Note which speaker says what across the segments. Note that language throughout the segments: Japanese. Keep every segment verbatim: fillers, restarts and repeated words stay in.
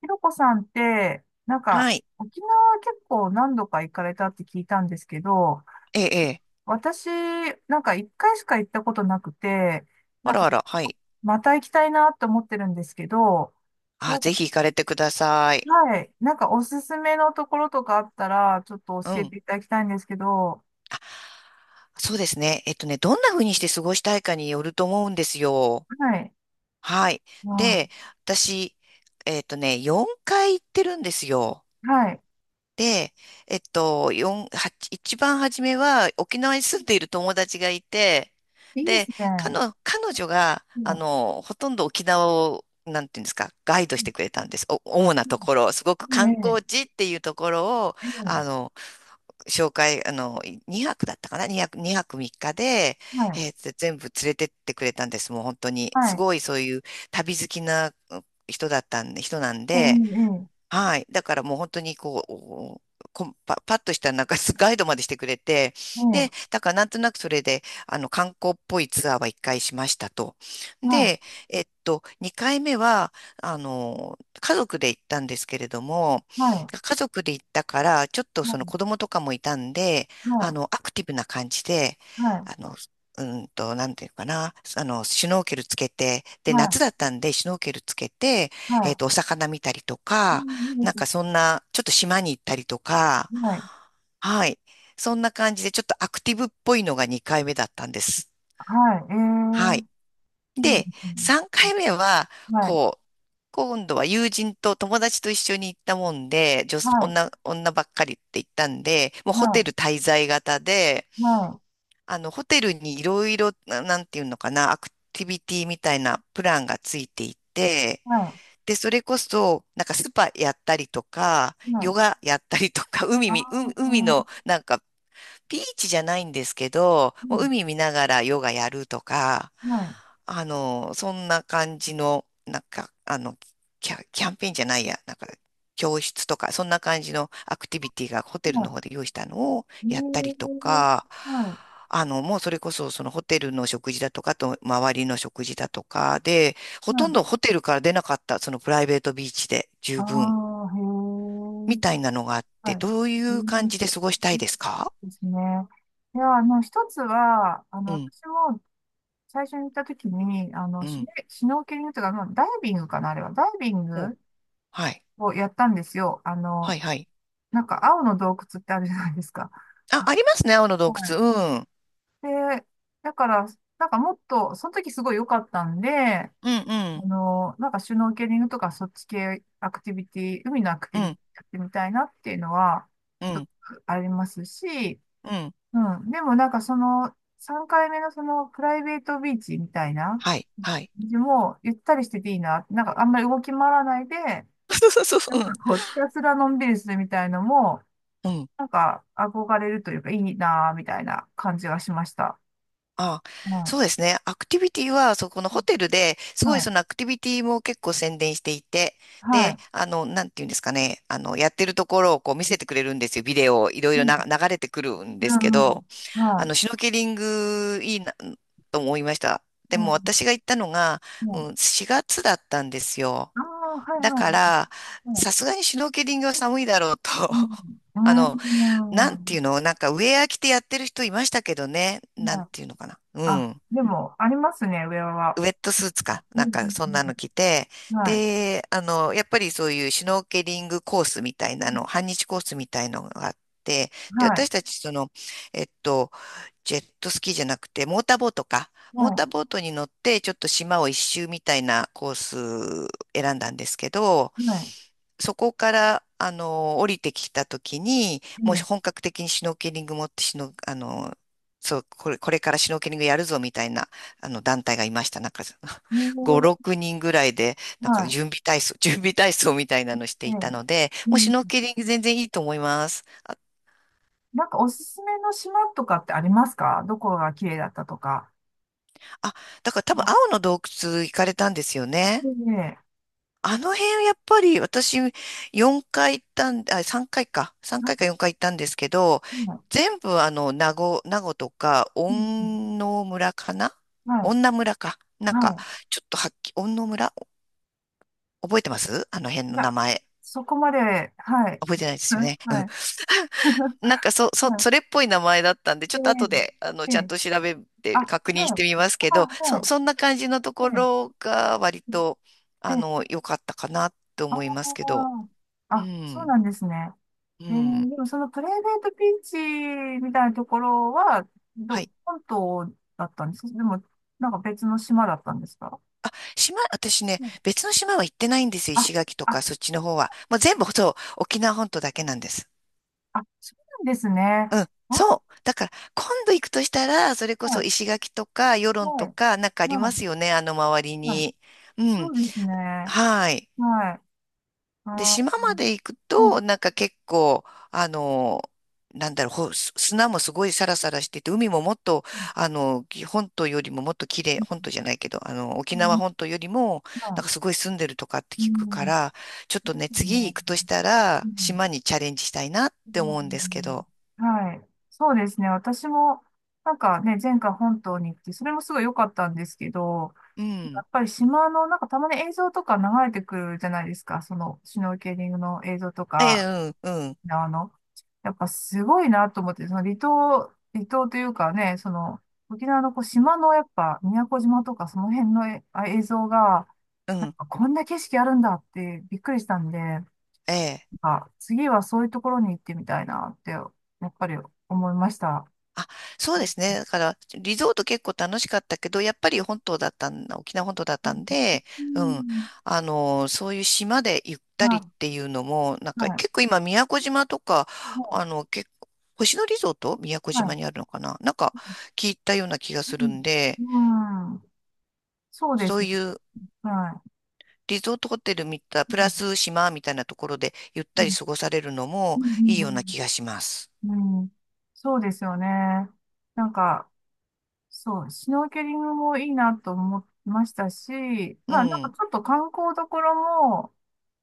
Speaker 1: ひろこさんって、なんか、
Speaker 2: はい。
Speaker 1: 沖縄結構何度か行かれたって聞いたんですけど、
Speaker 2: ええ、ええ。
Speaker 1: 私、なんかいっかいしか行ったことなくて、
Speaker 2: あ
Speaker 1: なん
Speaker 2: ら
Speaker 1: か、
Speaker 2: あら、はい。
Speaker 1: また行きたいなと思ってるんですけど、な
Speaker 2: あ、
Speaker 1: んか、
Speaker 2: ぜひ行かれてください。
Speaker 1: はい、なんかおすすめのところとかあったら、ちょっと
Speaker 2: う
Speaker 1: 教え
Speaker 2: ん。
Speaker 1: ていただきたいんですけど、
Speaker 2: そうですね。えっとね、どんな風にして過ごしたいかによると思うんですよ。
Speaker 1: はい、
Speaker 2: はい。
Speaker 1: まあ、
Speaker 2: で、私、えっとね、よんかい行ってるんですよ。
Speaker 1: はい、
Speaker 2: で、えっと、四はち一番初めは沖縄に住んでいる友達がいて、
Speaker 1: いいで
Speaker 2: で、
Speaker 1: すね。
Speaker 2: 彼女、彼女が、
Speaker 1: い
Speaker 2: あ
Speaker 1: や、
Speaker 2: の、ほとんど沖縄を、なんていうんですか、ガイド
Speaker 1: う
Speaker 2: して
Speaker 1: ん、
Speaker 2: くれたんです。お、主な
Speaker 1: う
Speaker 2: と
Speaker 1: ん、
Speaker 2: ころ、すごく
Speaker 1: いい
Speaker 2: 観
Speaker 1: ね、
Speaker 2: 光地っていうところを、
Speaker 1: え
Speaker 2: あ
Speaker 1: え、
Speaker 2: の、紹介、あの、にはくだったかな？ に 泊、にはくみっかで、
Speaker 1: はい、
Speaker 2: えーつ全部連れてってくれたんです。もう本当に。
Speaker 1: は
Speaker 2: す
Speaker 1: い、
Speaker 2: ごいそういう旅好きな人だったんで、人なん
Speaker 1: ええ、
Speaker 2: で、
Speaker 1: ええ、
Speaker 2: はい。だからもう本当にこう、こんパ、パッとしたなんか ガイドまでしてくれて、で、
Speaker 1: ええ、
Speaker 2: だからなんとなくそれで、あの、観光っぽいツアーはいっかいしましたと。
Speaker 1: は
Speaker 2: で、
Speaker 1: い、
Speaker 2: えっと、にかいめは、あの、家族で行ったんですけれども、
Speaker 1: はい、
Speaker 2: 家族で行ったから、ちょっと
Speaker 1: は
Speaker 2: その
Speaker 1: い、
Speaker 2: 子供とかもいたんで、
Speaker 1: は
Speaker 2: あ
Speaker 1: い。
Speaker 2: の、アクティブな感じで、
Speaker 1: はい、
Speaker 2: あの、うんと、なんていうかな、あの、シュノーケルつけて、
Speaker 1: は
Speaker 2: で、夏
Speaker 1: い、
Speaker 2: だったんで、シュノーケルつけて、えっ
Speaker 1: は
Speaker 2: と、お魚見たりと
Speaker 1: い。う
Speaker 2: か、
Speaker 1: ん、いいで
Speaker 2: なん
Speaker 1: すね。
Speaker 2: かそんな、ちょっと島に行ったりとか、
Speaker 1: はい、
Speaker 2: はい。そんな感じで、ちょっとアクティブっぽいのがにかいめだったんです。
Speaker 1: は
Speaker 2: はい。
Speaker 1: い、えー、いいで
Speaker 2: で、
Speaker 1: すね。
Speaker 2: さんかいめは、
Speaker 1: はい、
Speaker 2: こう、今度は友人と友達と一緒に行ったもんで、
Speaker 1: は
Speaker 2: 女、
Speaker 1: い、
Speaker 2: 女、女ばっかりって言ったんで、もうホテ
Speaker 1: は
Speaker 2: ル滞在型で、
Speaker 1: い、は
Speaker 2: あの、ホテルにいろいろ、ななんていうのかな、アクティビティみたいなプランがついていて、
Speaker 1: い、は
Speaker 2: で、それこそ、なんかスパやったりとか、
Speaker 1: い、は
Speaker 2: ヨ
Speaker 1: い。
Speaker 2: ガやったりとか、海
Speaker 1: あ
Speaker 2: み、う
Speaker 1: あ、
Speaker 2: 海のなんかビーチじゃないんですけど、
Speaker 1: う
Speaker 2: もう
Speaker 1: ん、
Speaker 2: 海見ながらヨガやるとか、
Speaker 1: はい、
Speaker 2: あの、そんな感じの、なんか、あの、キャ、キャンペーンじゃないや、なんか、教室とか、そんな感じのアクティビティがホ
Speaker 1: は
Speaker 2: テルの
Speaker 1: い。
Speaker 2: 方で用意したのを
Speaker 1: え
Speaker 2: やったりとか、
Speaker 1: ー、はい、
Speaker 2: あの、もうそれこそそのホテルの食事だとか、あと周りの食事だとかで、ほ
Speaker 1: は
Speaker 2: とん
Speaker 1: い。
Speaker 2: どホテルから出なかった、そのプライベートビーチで
Speaker 1: あ
Speaker 2: 十分
Speaker 1: あ、へえ、
Speaker 2: みたいなのがあって、
Speaker 1: はい。
Speaker 2: どうい
Speaker 1: え
Speaker 2: う感
Speaker 1: ー、
Speaker 2: じで過ごしたいですか？
Speaker 1: ですね。いや、あの、一つは、あの、
Speaker 2: うん、
Speaker 1: 私も最初に行った時に、あの、
Speaker 2: う
Speaker 1: シュネ
Speaker 2: ん。
Speaker 1: シュノーケリングというか、まあダイビングかな、あれは。ダイビング
Speaker 2: はい。
Speaker 1: をやったんですよ。あ
Speaker 2: はい、
Speaker 1: の、
Speaker 2: はい。
Speaker 1: なんか青の洞窟ってあるじゃないですか。
Speaker 2: あ、
Speaker 1: あ、
Speaker 2: ありますね、青の洞
Speaker 1: はい。
Speaker 2: 窟。うん。
Speaker 1: で、だから、なんかもっと、その時すごい良かったんで、
Speaker 2: うん、う
Speaker 1: あ
Speaker 2: ん、
Speaker 1: の、なんかシュノーケリングとかそっち系アクティビティ、海のアク
Speaker 2: う
Speaker 1: ティビテ
Speaker 2: ん、
Speaker 1: ィやってみたいなっていうのは、
Speaker 2: う
Speaker 1: ちょっと
Speaker 2: ん、
Speaker 1: ありますし、
Speaker 2: うん。
Speaker 1: うん。でもなんかその、さんかいめのそのプライベートビーチみたいな、
Speaker 2: はい、はい。
Speaker 1: もうゆったりしてていいな。なんかあんまり動き回らないで、
Speaker 2: そうそうそ
Speaker 1: な
Speaker 2: う。
Speaker 1: ん
Speaker 2: うん。
Speaker 1: かこう、ひたすらのんびりするみたいのも、
Speaker 2: うん。
Speaker 1: なんか、憧れるというか、いいなぁ、みたいな感じがしました。
Speaker 2: あ、
Speaker 1: う
Speaker 2: そ
Speaker 1: ん。
Speaker 2: うですね。アクティビティは、そこのホテルで、すごい
Speaker 1: は
Speaker 2: そ
Speaker 1: い。
Speaker 2: のアクティビティも結構宣伝していて、
Speaker 1: は
Speaker 2: で、
Speaker 1: い。
Speaker 2: あの、なんていうんですかね、あの、やってるところをこう見せてくれるんですよ。ビデオをいろ
Speaker 1: う
Speaker 2: いろ
Speaker 1: ん。
Speaker 2: な流れてくるん
Speaker 1: う
Speaker 2: ですけど、
Speaker 1: ん、は
Speaker 2: あの、シュ
Speaker 1: い。
Speaker 2: ノーケリングいいな、と思いました。で
Speaker 1: う
Speaker 2: も
Speaker 1: ん。
Speaker 2: 私が行ったのが、
Speaker 1: うん。
Speaker 2: うん、しがつだったんですよ。
Speaker 1: ああ、は
Speaker 2: だ
Speaker 1: い、
Speaker 2: か
Speaker 1: はい。
Speaker 2: ら、
Speaker 1: うん。
Speaker 2: さすがにシュノーケリングは寒いだろうと。
Speaker 1: う
Speaker 2: あ
Speaker 1: ん。
Speaker 2: の、なんていうのなんかウェア着てやってる人いましたけどね。
Speaker 1: うん。
Speaker 2: なん
Speaker 1: はい、
Speaker 2: ていうのかな。う
Speaker 1: あ、
Speaker 2: ん。
Speaker 1: でも、ありますね、上は。
Speaker 2: ウェットスーツか。
Speaker 1: うん。
Speaker 2: な
Speaker 1: う
Speaker 2: んかそん
Speaker 1: ん、
Speaker 2: なの着て。
Speaker 1: うん、はい。
Speaker 2: で、あの、やっぱりそういうシュノーケリングコースみたい
Speaker 1: う
Speaker 2: な
Speaker 1: ん、
Speaker 2: の、はんにちコースみたいのがあって、で、
Speaker 1: はい。
Speaker 2: 私たちその、えっと、ジェットスキーじゃなくて、モーターボートか。
Speaker 1: は
Speaker 2: モータ
Speaker 1: い。
Speaker 2: ーボートに乗って、ちょっと島をいっしゅうみたいなコース選んだんですけど、
Speaker 1: はい。
Speaker 2: そこから、あの、降りてきたときに、
Speaker 1: う
Speaker 2: もう
Speaker 1: ん。
Speaker 2: 本格的にシュノーケリング持ってシュノ、あの、そう、これ、これからシュノーケリングやるぞみたいな、あの、団体がいました。なんか、
Speaker 1: う
Speaker 2: ご、
Speaker 1: ん、
Speaker 2: ろくにんぐらいで、なんか
Speaker 1: はい。
Speaker 2: 準備体操、準備体操みたいなのして
Speaker 1: う
Speaker 2: い
Speaker 1: ん、
Speaker 2: たので、
Speaker 1: う
Speaker 2: もうシュノー
Speaker 1: ん。
Speaker 2: ケリング全然いいと思います。あ、
Speaker 1: なんか、おすすめの島とかってありますか？どこが綺麗だったとか。
Speaker 2: あだから多分青の洞窟行かれたんですよ
Speaker 1: え
Speaker 2: ね。
Speaker 1: え。
Speaker 2: あの辺やっぱり私4回行ったん、あ、さんかいかいか。3
Speaker 1: なん
Speaker 2: 回か
Speaker 1: か、
Speaker 2: よんかい行ったんですけど、
Speaker 1: うん、
Speaker 2: 全部あの、名護、名護とか、
Speaker 1: うん、うん、
Speaker 2: 恩納村かな、
Speaker 1: は
Speaker 2: 恩納村か。
Speaker 1: い。
Speaker 2: なんか、
Speaker 1: は
Speaker 2: ちょっとはっき、恩納村覚えてますあの辺
Speaker 1: い。い
Speaker 2: の
Speaker 1: や、
Speaker 2: 名前。
Speaker 1: そこまで、はい。
Speaker 2: 覚えてないですよ
Speaker 1: はい。
Speaker 2: ね。
Speaker 1: はい。
Speaker 2: なんかそ、そ、
Speaker 1: はい、
Speaker 2: それっぽい名前だったんで、ちょ
Speaker 1: え
Speaker 2: っと後で、あの、
Speaker 1: え、え
Speaker 2: ちゃん
Speaker 1: え、
Speaker 2: と調べ
Speaker 1: あ、
Speaker 2: て
Speaker 1: は
Speaker 2: 確認して
Speaker 1: い。
Speaker 2: みますけ
Speaker 1: あ、
Speaker 2: ど、
Speaker 1: は
Speaker 2: そ、
Speaker 1: い。
Speaker 2: そんな感じのとこ
Speaker 1: はい。
Speaker 2: ろが割と、
Speaker 1: え
Speaker 2: あ
Speaker 1: え、
Speaker 2: の、良かったかなと
Speaker 1: あ
Speaker 2: 思いますけど。
Speaker 1: あ、
Speaker 2: う
Speaker 1: あ、そう
Speaker 2: ん。
Speaker 1: なんですね。
Speaker 2: う
Speaker 1: ええ、
Speaker 2: ん。
Speaker 1: でもそのプライベートビーチみたいなところは、
Speaker 2: は
Speaker 1: ど、
Speaker 2: い。
Speaker 1: 本島だったんですか？でも、なんか別の島だったんですか？
Speaker 2: あ、島、私ね、
Speaker 1: うん、
Speaker 2: 別の島は行ってないんですよ。
Speaker 1: あ、
Speaker 2: 石垣と
Speaker 1: あ、
Speaker 2: か、そっちの方は。もう全部、そう、沖縄本島だけなんです。
Speaker 1: あ、そうなんですね。
Speaker 2: うん。
Speaker 1: あ、
Speaker 2: そう。だから、今度行くとしたら、それこ
Speaker 1: は
Speaker 2: そ
Speaker 1: い。
Speaker 2: 石垣とか、与論
Speaker 1: は
Speaker 2: と
Speaker 1: い。
Speaker 2: か、なんかあり
Speaker 1: は
Speaker 2: ます
Speaker 1: い。
Speaker 2: よね。あの周り
Speaker 1: はい。
Speaker 2: に。う
Speaker 1: そ
Speaker 2: ん。
Speaker 1: うですね。
Speaker 2: はい。
Speaker 1: はい。
Speaker 2: で、
Speaker 1: ああ、
Speaker 2: 島まで行く
Speaker 1: うん。う
Speaker 2: と、なんか結構、あの、なんだろう、ほす砂もすごいサラサラしてて、海ももっと、あの、き本島よりももっと綺麗、本島じゃないけど、あの、沖縄
Speaker 1: ん。
Speaker 2: 本島よりも、なんかすごい住んでるとかって
Speaker 1: う
Speaker 2: 聞くか
Speaker 1: ん。
Speaker 2: ら、ちょっと
Speaker 1: です
Speaker 2: ね、次行
Speaker 1: ね。
Speaker 2: くとした
Speaker 1: う
Speaker 2: ら、
Speaker 1: ん。
Speaker 2: 島にチャレンジしたいなっ
Speaker 1: う
Speaker 2: て思うんですけ
Speaker 1: ん、
Speaker 2: ど。
Speaker 1: はい。そうですね。私も、なんかね、前回本島に行って、それもすごい良かったんですけど、
Speaker 2: う
Speaker 1: や
Speaker 2: ん。
Speaker 1: っぱり島の、なんかたまに映像とか流れてくるじゃないですか。その、シュノーケリングの映像と
Speaker 2: え
Speaker 1: か、
Speaker 2: え、うん、うん、
Speaker 1: あの、やっぱすごいなと思って、その離島、離島というかね、その、沖縄のこう島のやっぱ宮古島とかその辺のえあ映像が、
Speaker 2: う
Speaker 1: なん
Speaker 2: ん、
Speaker 1: かこんな景色あるんだってびっくりしたんで、なん
Speaker 2: ええ。
Speaker 1: か次はそういうところに行ってみたいなって、やっぱり思いました。
Speaker 2: あ、そうです
Speaker 1: う
Speaker 2: ね。だから、リゾート結構楽しかったけど、やっぱり本島だったん、沖縄本島だった
Speaker 1: ん、
Speaker 2: んで、
Speaker 1: う
Speaker 2: うん。
Speaker 1: ん、
Speaker 2: あの、そういう島でゆったりっ
Speaker 1: は
Speaker 2: ていうのも、なん
Speaker 1: い、
Speaker 2: か
Speaker 1: はい、
Speaker 2: 結構今、宮古島とか、
Speaker 1: も
Speaker 2: あの、結構、星野リゾート宮古
Speaker 1: う、は
Speaker 2: 島
Speaker 1: い、
Speaker 2: にあるのかな、なんか聞いたような気がするん
Speaker 1: う
Speaker 2: で、
Speaker 1: ん、うん、そうで
Speaker 2: そ
Speaker 1: す
Speaker 2: う
Speaker 1: ね。
Speaker 2: いう
Speaker 1: は
Speaker 2: リゾートホテル見た、
Speaker 1: い。
Speaker 2: プ
Speaker 1: う
Speaker 2: ラ
Speaker 1: ん、
Speaker 2: ス島みたいなところでゆっ
Speaker 1: う
Speaker 2: たり
Speaker 1: ん、
Speaker 2: 過ごされるの
Speaker 1: う
Speaker 2: も
Speaker 1: ん、う
Speaker 2: いい
Speaker 1: ん、う
Speaker 2: ような
Speaker 1: ん、
Speaker 2: 気がします。
Speaker 1: うん、そうですよね。なんか、そう、シュノーケリングもいいなと思いましたし、
Speaker 2: う
Speaker 1: まあなんか
Speaker 2: ん、
Speaker 1: ちょっと観光どころも、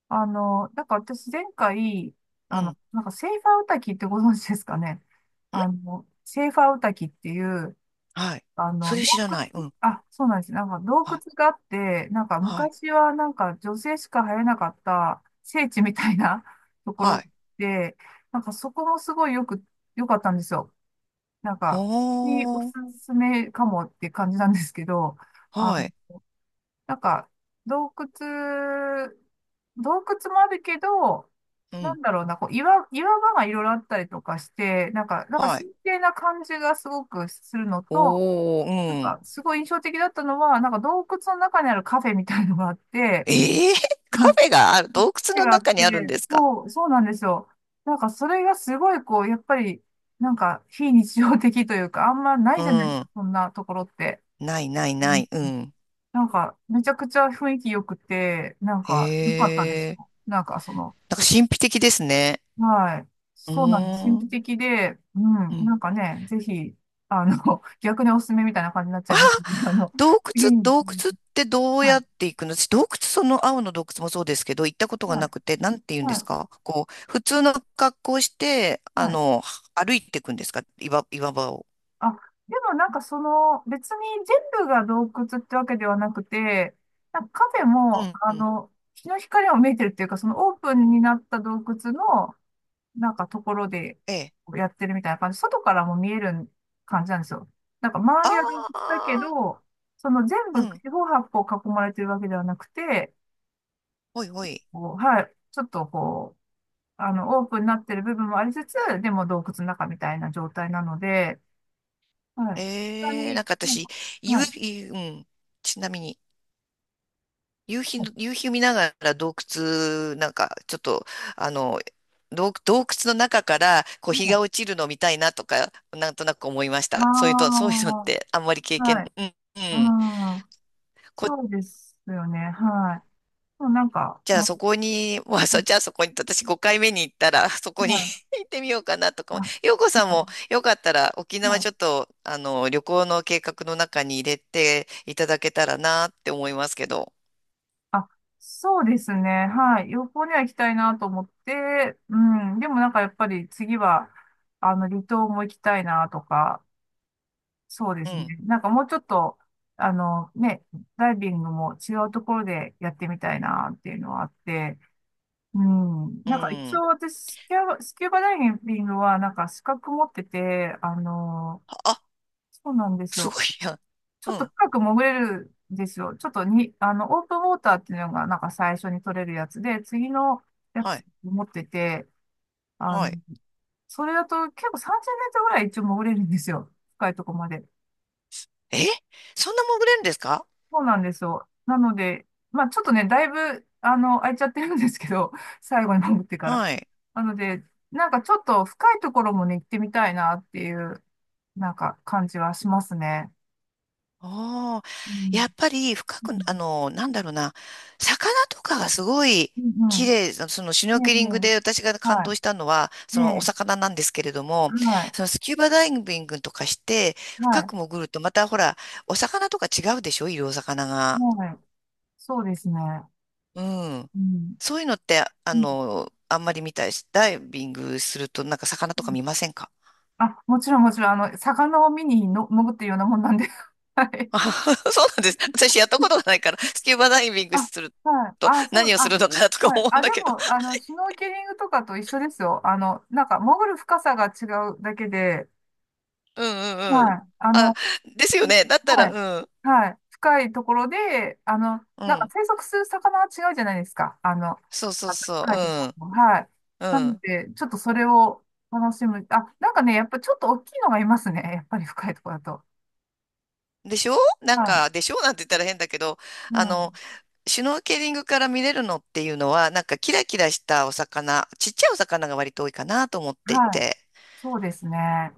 Speaker 1: あの、なんか私前回、
Speaker 2: う
Speaker 1: あの、
Speaker 2: ん、
Speaker 1: なんかセーファーウタキってご存知ですかね。あの、セーファーウタキっていう、
Speaker 2: はい。
Speaker 1: あ
Speaker 2: そ
Speaker 1: の、洞
Speaker 2: れ知らない。う
Speaker 1: 窟、
Speaker 2: ん、
Speaker 1: あ、そうなんです。なんか洞
Speaker 2: は
Speaker 1: 窟
Speaker 2: い、
Speaker 1: があって、なんか
Speaker 2: はい、
Speaker 1: 昔はなんか女性しか入れなかった聖地みたいな とこ
Speaker 2: は
Speaker 1: ろ
Speaker 2: い。
Speaker 1: で、なんかそこもすごいよく、良かったんですよ。なんか、におす
Speaker 2: は
Speaker 1: すめかもって感じなんですけど、
Speaker 2: あ、
Speaker 1: あ、
Speaker 2: はい。
Speaker 1: なんか、洞窟、洞窟もあるけど、
Speaker 2: う
Speaker 1: な
Speaker 2: ん、
Speaker 1: んだろうな、こう岩、岩場がいろいろあったりとかして、なんか、なんか
Speaker 2: はい。
Speaker 1: 神聖な感じがすごくするのと、
Speaker 2: お
Speaker 1: なん
Speaker 2: ー、うん。
Speaker 1: か、すごい印象的だったのは、なんか洞窟の中にあるカフェみたいのがあって、
Speaker 2: ええ。 カ フェがある、洞窟
Speaker 1: 手
Speaker 2: の
Speaker 1: があっ
Speaker 2: 中に
Speaker 1: て、
Speaker 2: あるんですか？
Speaker 1: そう、そうなんですよ。なんかそれがすごいこう、やっぱり、なんか非日常的というか、あんまな
Speaker 2: う
Speaker 1: いじゃないですか、
Speaker 2: ん。
Speaker 1: そんなところって。
Speaker 2: ないない
Speaker 1: う
Speaker 2: な
Speaker 1: ん、
Speaker 2: い。うん。
Speaker 1: なんか、めちゃくちゃ雰囲気良くて、なん
Speaker 2: へ
Speaker 1: か、良かったです
Speaker 2: え。
Speaker 1: よ。なんかその、
Speaker 2: なんか神秘的ですね。
Speaker 1: はい。
Speaker 2: う
Speaker 1: そうなんです。神
Speaker 2: ーん。
Speaker 1: 秘的で、う
Speaker 2: う
Speaker 1: ん、
Speaker 2: ん。
Speaker 1: なんかね、ぜひ、あの、逆におすすめみたいな感じになっちゃ
Speaker 2: あ、
Speaker 1: いましたけど、あの、
Speaker 2: 洞窟、
Speaker 1: 次に、
Speaker 2: 洞窟ってどう
Speaker 1: は
Speaker 2: や
Speaker 1: い、
Speaker 2: って行くの、私、洞窟、その青の洞窟もそうですけど、行ったことが
Speaker 1: は
Speaker 2: な
Speaker 1: い、
Speaker 2: くて、なんて言うんで
Speaker 1: はい、
Speaker 2: すかこう、普通の格好をして、あ
Speaker 1: はい。
Speaker 2: の、歩いていくんですか、岩、岩場を。
Speaker 1: あ、でもなんかその、別に全部が洞窟ってわけではなくて、なんかカフェ
Speaker 2: う
Speaker 1: も、
Speaker 2: ん、
Speaker 1: あ
Speaker 2: うん。
Speaker 1: の、日の光を見えてるっていうか、そのオープンになった洞窟の、なんかところで
Speaker 2: ええ。
Speaker 1: やってるみたいな感じ、外からも見える感じなんですよ。なんか周
Speaker 2: あ
Speaker 1: りは洞窟だけ
Speaker 2: あ、
Speaker 1: ど、その全
Speaker 2: う
Speaker 1: 部
Speaker 2: ん。
Speaker 1: 四方八方囲まれてるわけではなくて、
Speaker 2: おいおい。
Speaker 1: こう、はい、ちょっとこう、あの、オープンになってる部分もありつつ、でも洞窟の中みたいな状態なので、はい。本
Speaker 2: えー、なん
Speaker 1: に、
Speaker 2: か
Speaker 1: なん
Speaker 2: 私、
Speaker 1: か、は
Speaker 2: 夕
Speaker 1: い。
Speaker 2: 日、うん。ちなみに、夕日
Speaker 1: あ
Speaker 2: の、夕日見ながら洞窟、なんか、ちょっと、あの、洞、洞窟の中から、こう、日が落ちるのを見たいなとか、なんとなく思いました。そういうと、そういうのっ
Speaker 1: あ
Speaker 2: て、あんまり経
Speaker 1: ー、は
Speaker 2: 験、
Speaker 1: い。
Speaker 2: うん、う
Speaker 1: う
Speaker 2: ん。
Speaker 1: ん。
Speaker 2: こ
Speaker 1: そうですよね。はい。そう、なんか、
Speaker 2: じゃ
Speaker 1: う
Speaker 2: あ
Speaker 1: ん、
Speaker 2: そこに、まあ、そ、じゃあそこに、私ごかいめに行ったら、そこに
Speaker 1: はい。
Speaker 2: 行ってみようかなとか
Speaker 1: あ、
Speaker 2: も。
Speaker 1: は
Speaker 2: 洋子さんもよかったら沖
Speaker 1: い。は
Speaker 2: 縄
Speaker 1: い、
Speaker 2: ちょっと、あの、旅行の計画の中に入れていただけたらなって思いますけど。
Speaker 1: あ、そうですね。はい。旅行には行きたいなと思って、うん。でもなんかやっぱり次は、あの、離島も行きたいなとか、そうで
Speaker 2: う
Speaker 1: すね。
Speaker 2: ん、
Speaker 1: なんかもうちょっと、あの、ね、ダイビングも違うところでやってみたいなっていうのはあって、うん。
Speaker 2: う
Speaker 1: なんか一
Speaker 2: ん。
Speaker 1: 応私、スキューバ、スキューバダイビングはなんか資格持ってて、あのー、
Speaker 2: あ、
Speaker 1: そうなんです
Speaker 2: す
Speaker 1: よ。
Speaker 2: ごいやん。
Speaker 1: ちょ
Speaker 2: う
Speaker 1: っと
Speaker 2: ん、
Speaker 1: 深く潜れるんですよ。ちょっとに、あの、オープンウォーターっていうのがなんか最初に取れるやつで、次のや
Speaker 2: は
Speaker 1: つ
Speaker 2: い、
Speaker 1: 持ってて、あ
Speaker 2: は
Speaker 1: の、
Speaker 2: い。
Speaker 1: それだと結構さんじゅうメートルぐらい一応潜れるんですよ。深いとこまで。
Speaker 2: え、そんな潜れるんですか？
Speaker 1: そうなんですよ。なので、まあちょっとね、だいぶ、あの、空いちゃってるんですけど、最後に潜ってから。
Speaker 2: はい。
Speaker 1: なので、なんかちょっと深いところもね、行ってみたいなっていう、なんか感じはしますね。
Speaker 2: ああ、
Speaker 1: うん。
Speaker 2: やっぱり深
Speaker 1: う
Speaker 2: く、あ
Speaker 1: ん。
Speaker 2: の、なんだろうな、魚とかがすごい
Speaker 1: うん、
Speaker 2: 綺
Speaker 1: う
Speaker 2: 麗、そのそのシュノ
Speaker 1: ん、
Speaker 2: ー
Speaker 1: え、
Speaker 2: ケリング
Speaker 1: ね、
Speaker 2: で私が
Speaker 1: え、
Speaker 2: 感
Speaker 1: は
Speaker 2: 動した
Speaker 1: い。
Speaker 2: のは、
Speaker 1: え
Speaker 2: そのお
Speaker 1: え、
Speaker 2: 魚なんですけれども、
Speaker 1: はい。
Speaker 2: そのスキューバダイビングとかして、
Speaker 1: は
Speaker 2: 深
Speaker 1: い。
Speaker 2: く潜るとまたほら、お魚とか違うでしょ、いるお魚が。
Speaker 1: はい。そうですね。
Speaker 2: うん。
Speaker 1: うん。
Speaker 2: そういうのって、あ
Speaker 1: うん、
Speaker 2: の、あんまり見たいし、ダイビングするとなんか魚
Speaker 1: う
Speaker 2: とか
Speaker 1: ん、
Speaker 2: 見ませんか？
Speaker 1: あ、もちろん、もちろん、あの、魚を見にの潜ってるようなもんなんで。はい。
Speaker 2: あ。 そうなんです。私やったことがないから、スキューバダイビング
Speaker 1: あ、
Speaker 2: する
Speaker 1: はい。
Speaker 2: と
Speaker 1: あ、そう、
Speaker 2: 何をす
Speaker 1: あ、
Speaker 2: るのかなとか
Speaker 1: はい。
Speaker 2: 思うん
Speaker 1: あ、
Speaker 2: だ
Speaker 1: で
Speaker 2: けど。
Speaker 1: も、あの、シュノーケリングとかと一緒ですよ。あの、なんか、潜る深さが違うだけで、
Speaker 2: うんうんうん。
Speaker 1: はい。あ
Speaker 2: あ、
Speaker 1: の、
Speaker 2: です
Speaker 1: う
Speaker 2: よ
Speaker 1: ん、
Speaker 2: ね。だった
Speaker 1: はい。
Speaker 2: ら、うん。
Speaker 1: はい。深いところで、あの、
Speaker 2: う
Speaker 1: なんか
Speaker 2: ん。
Speaker 1: 生息する魚は違うじゃないですか。あの、
Speaker 2: そうそ
Speaker 1: な
Speaker 2: う
Speaker 1: んか
Speaker 2: そ
Speaker 1: 深いとこ
Speaker 2: う。
Speaker 1: ろも。はい。
Speaker 2: う
Speaker 1: な
Speaker 2: ん。
Speaker 1: の
Speaker 2: う
Speaker 1: で、ちょっとそれを楽しむ。あ、なんかね、やっぱちょっと大きいのがいますね。やっぱり深いところだと。
Speaker 2: ん。でしょ、なん
Speaker 1: は
Speaker 2: か、でしょなんて言ったら変だけど、
Speaker 1: い。う
Speaker 2: あの、
Speaker 1: ん。
Speaker 2: シュノーケリングから見れるのっていうのは、なんかキラキラしたお魚、ちっちゃいお魚が割と多いかなと思ってい
Speaker 1: はい。
Speaker 2: て。
Speaker 1: そうですね。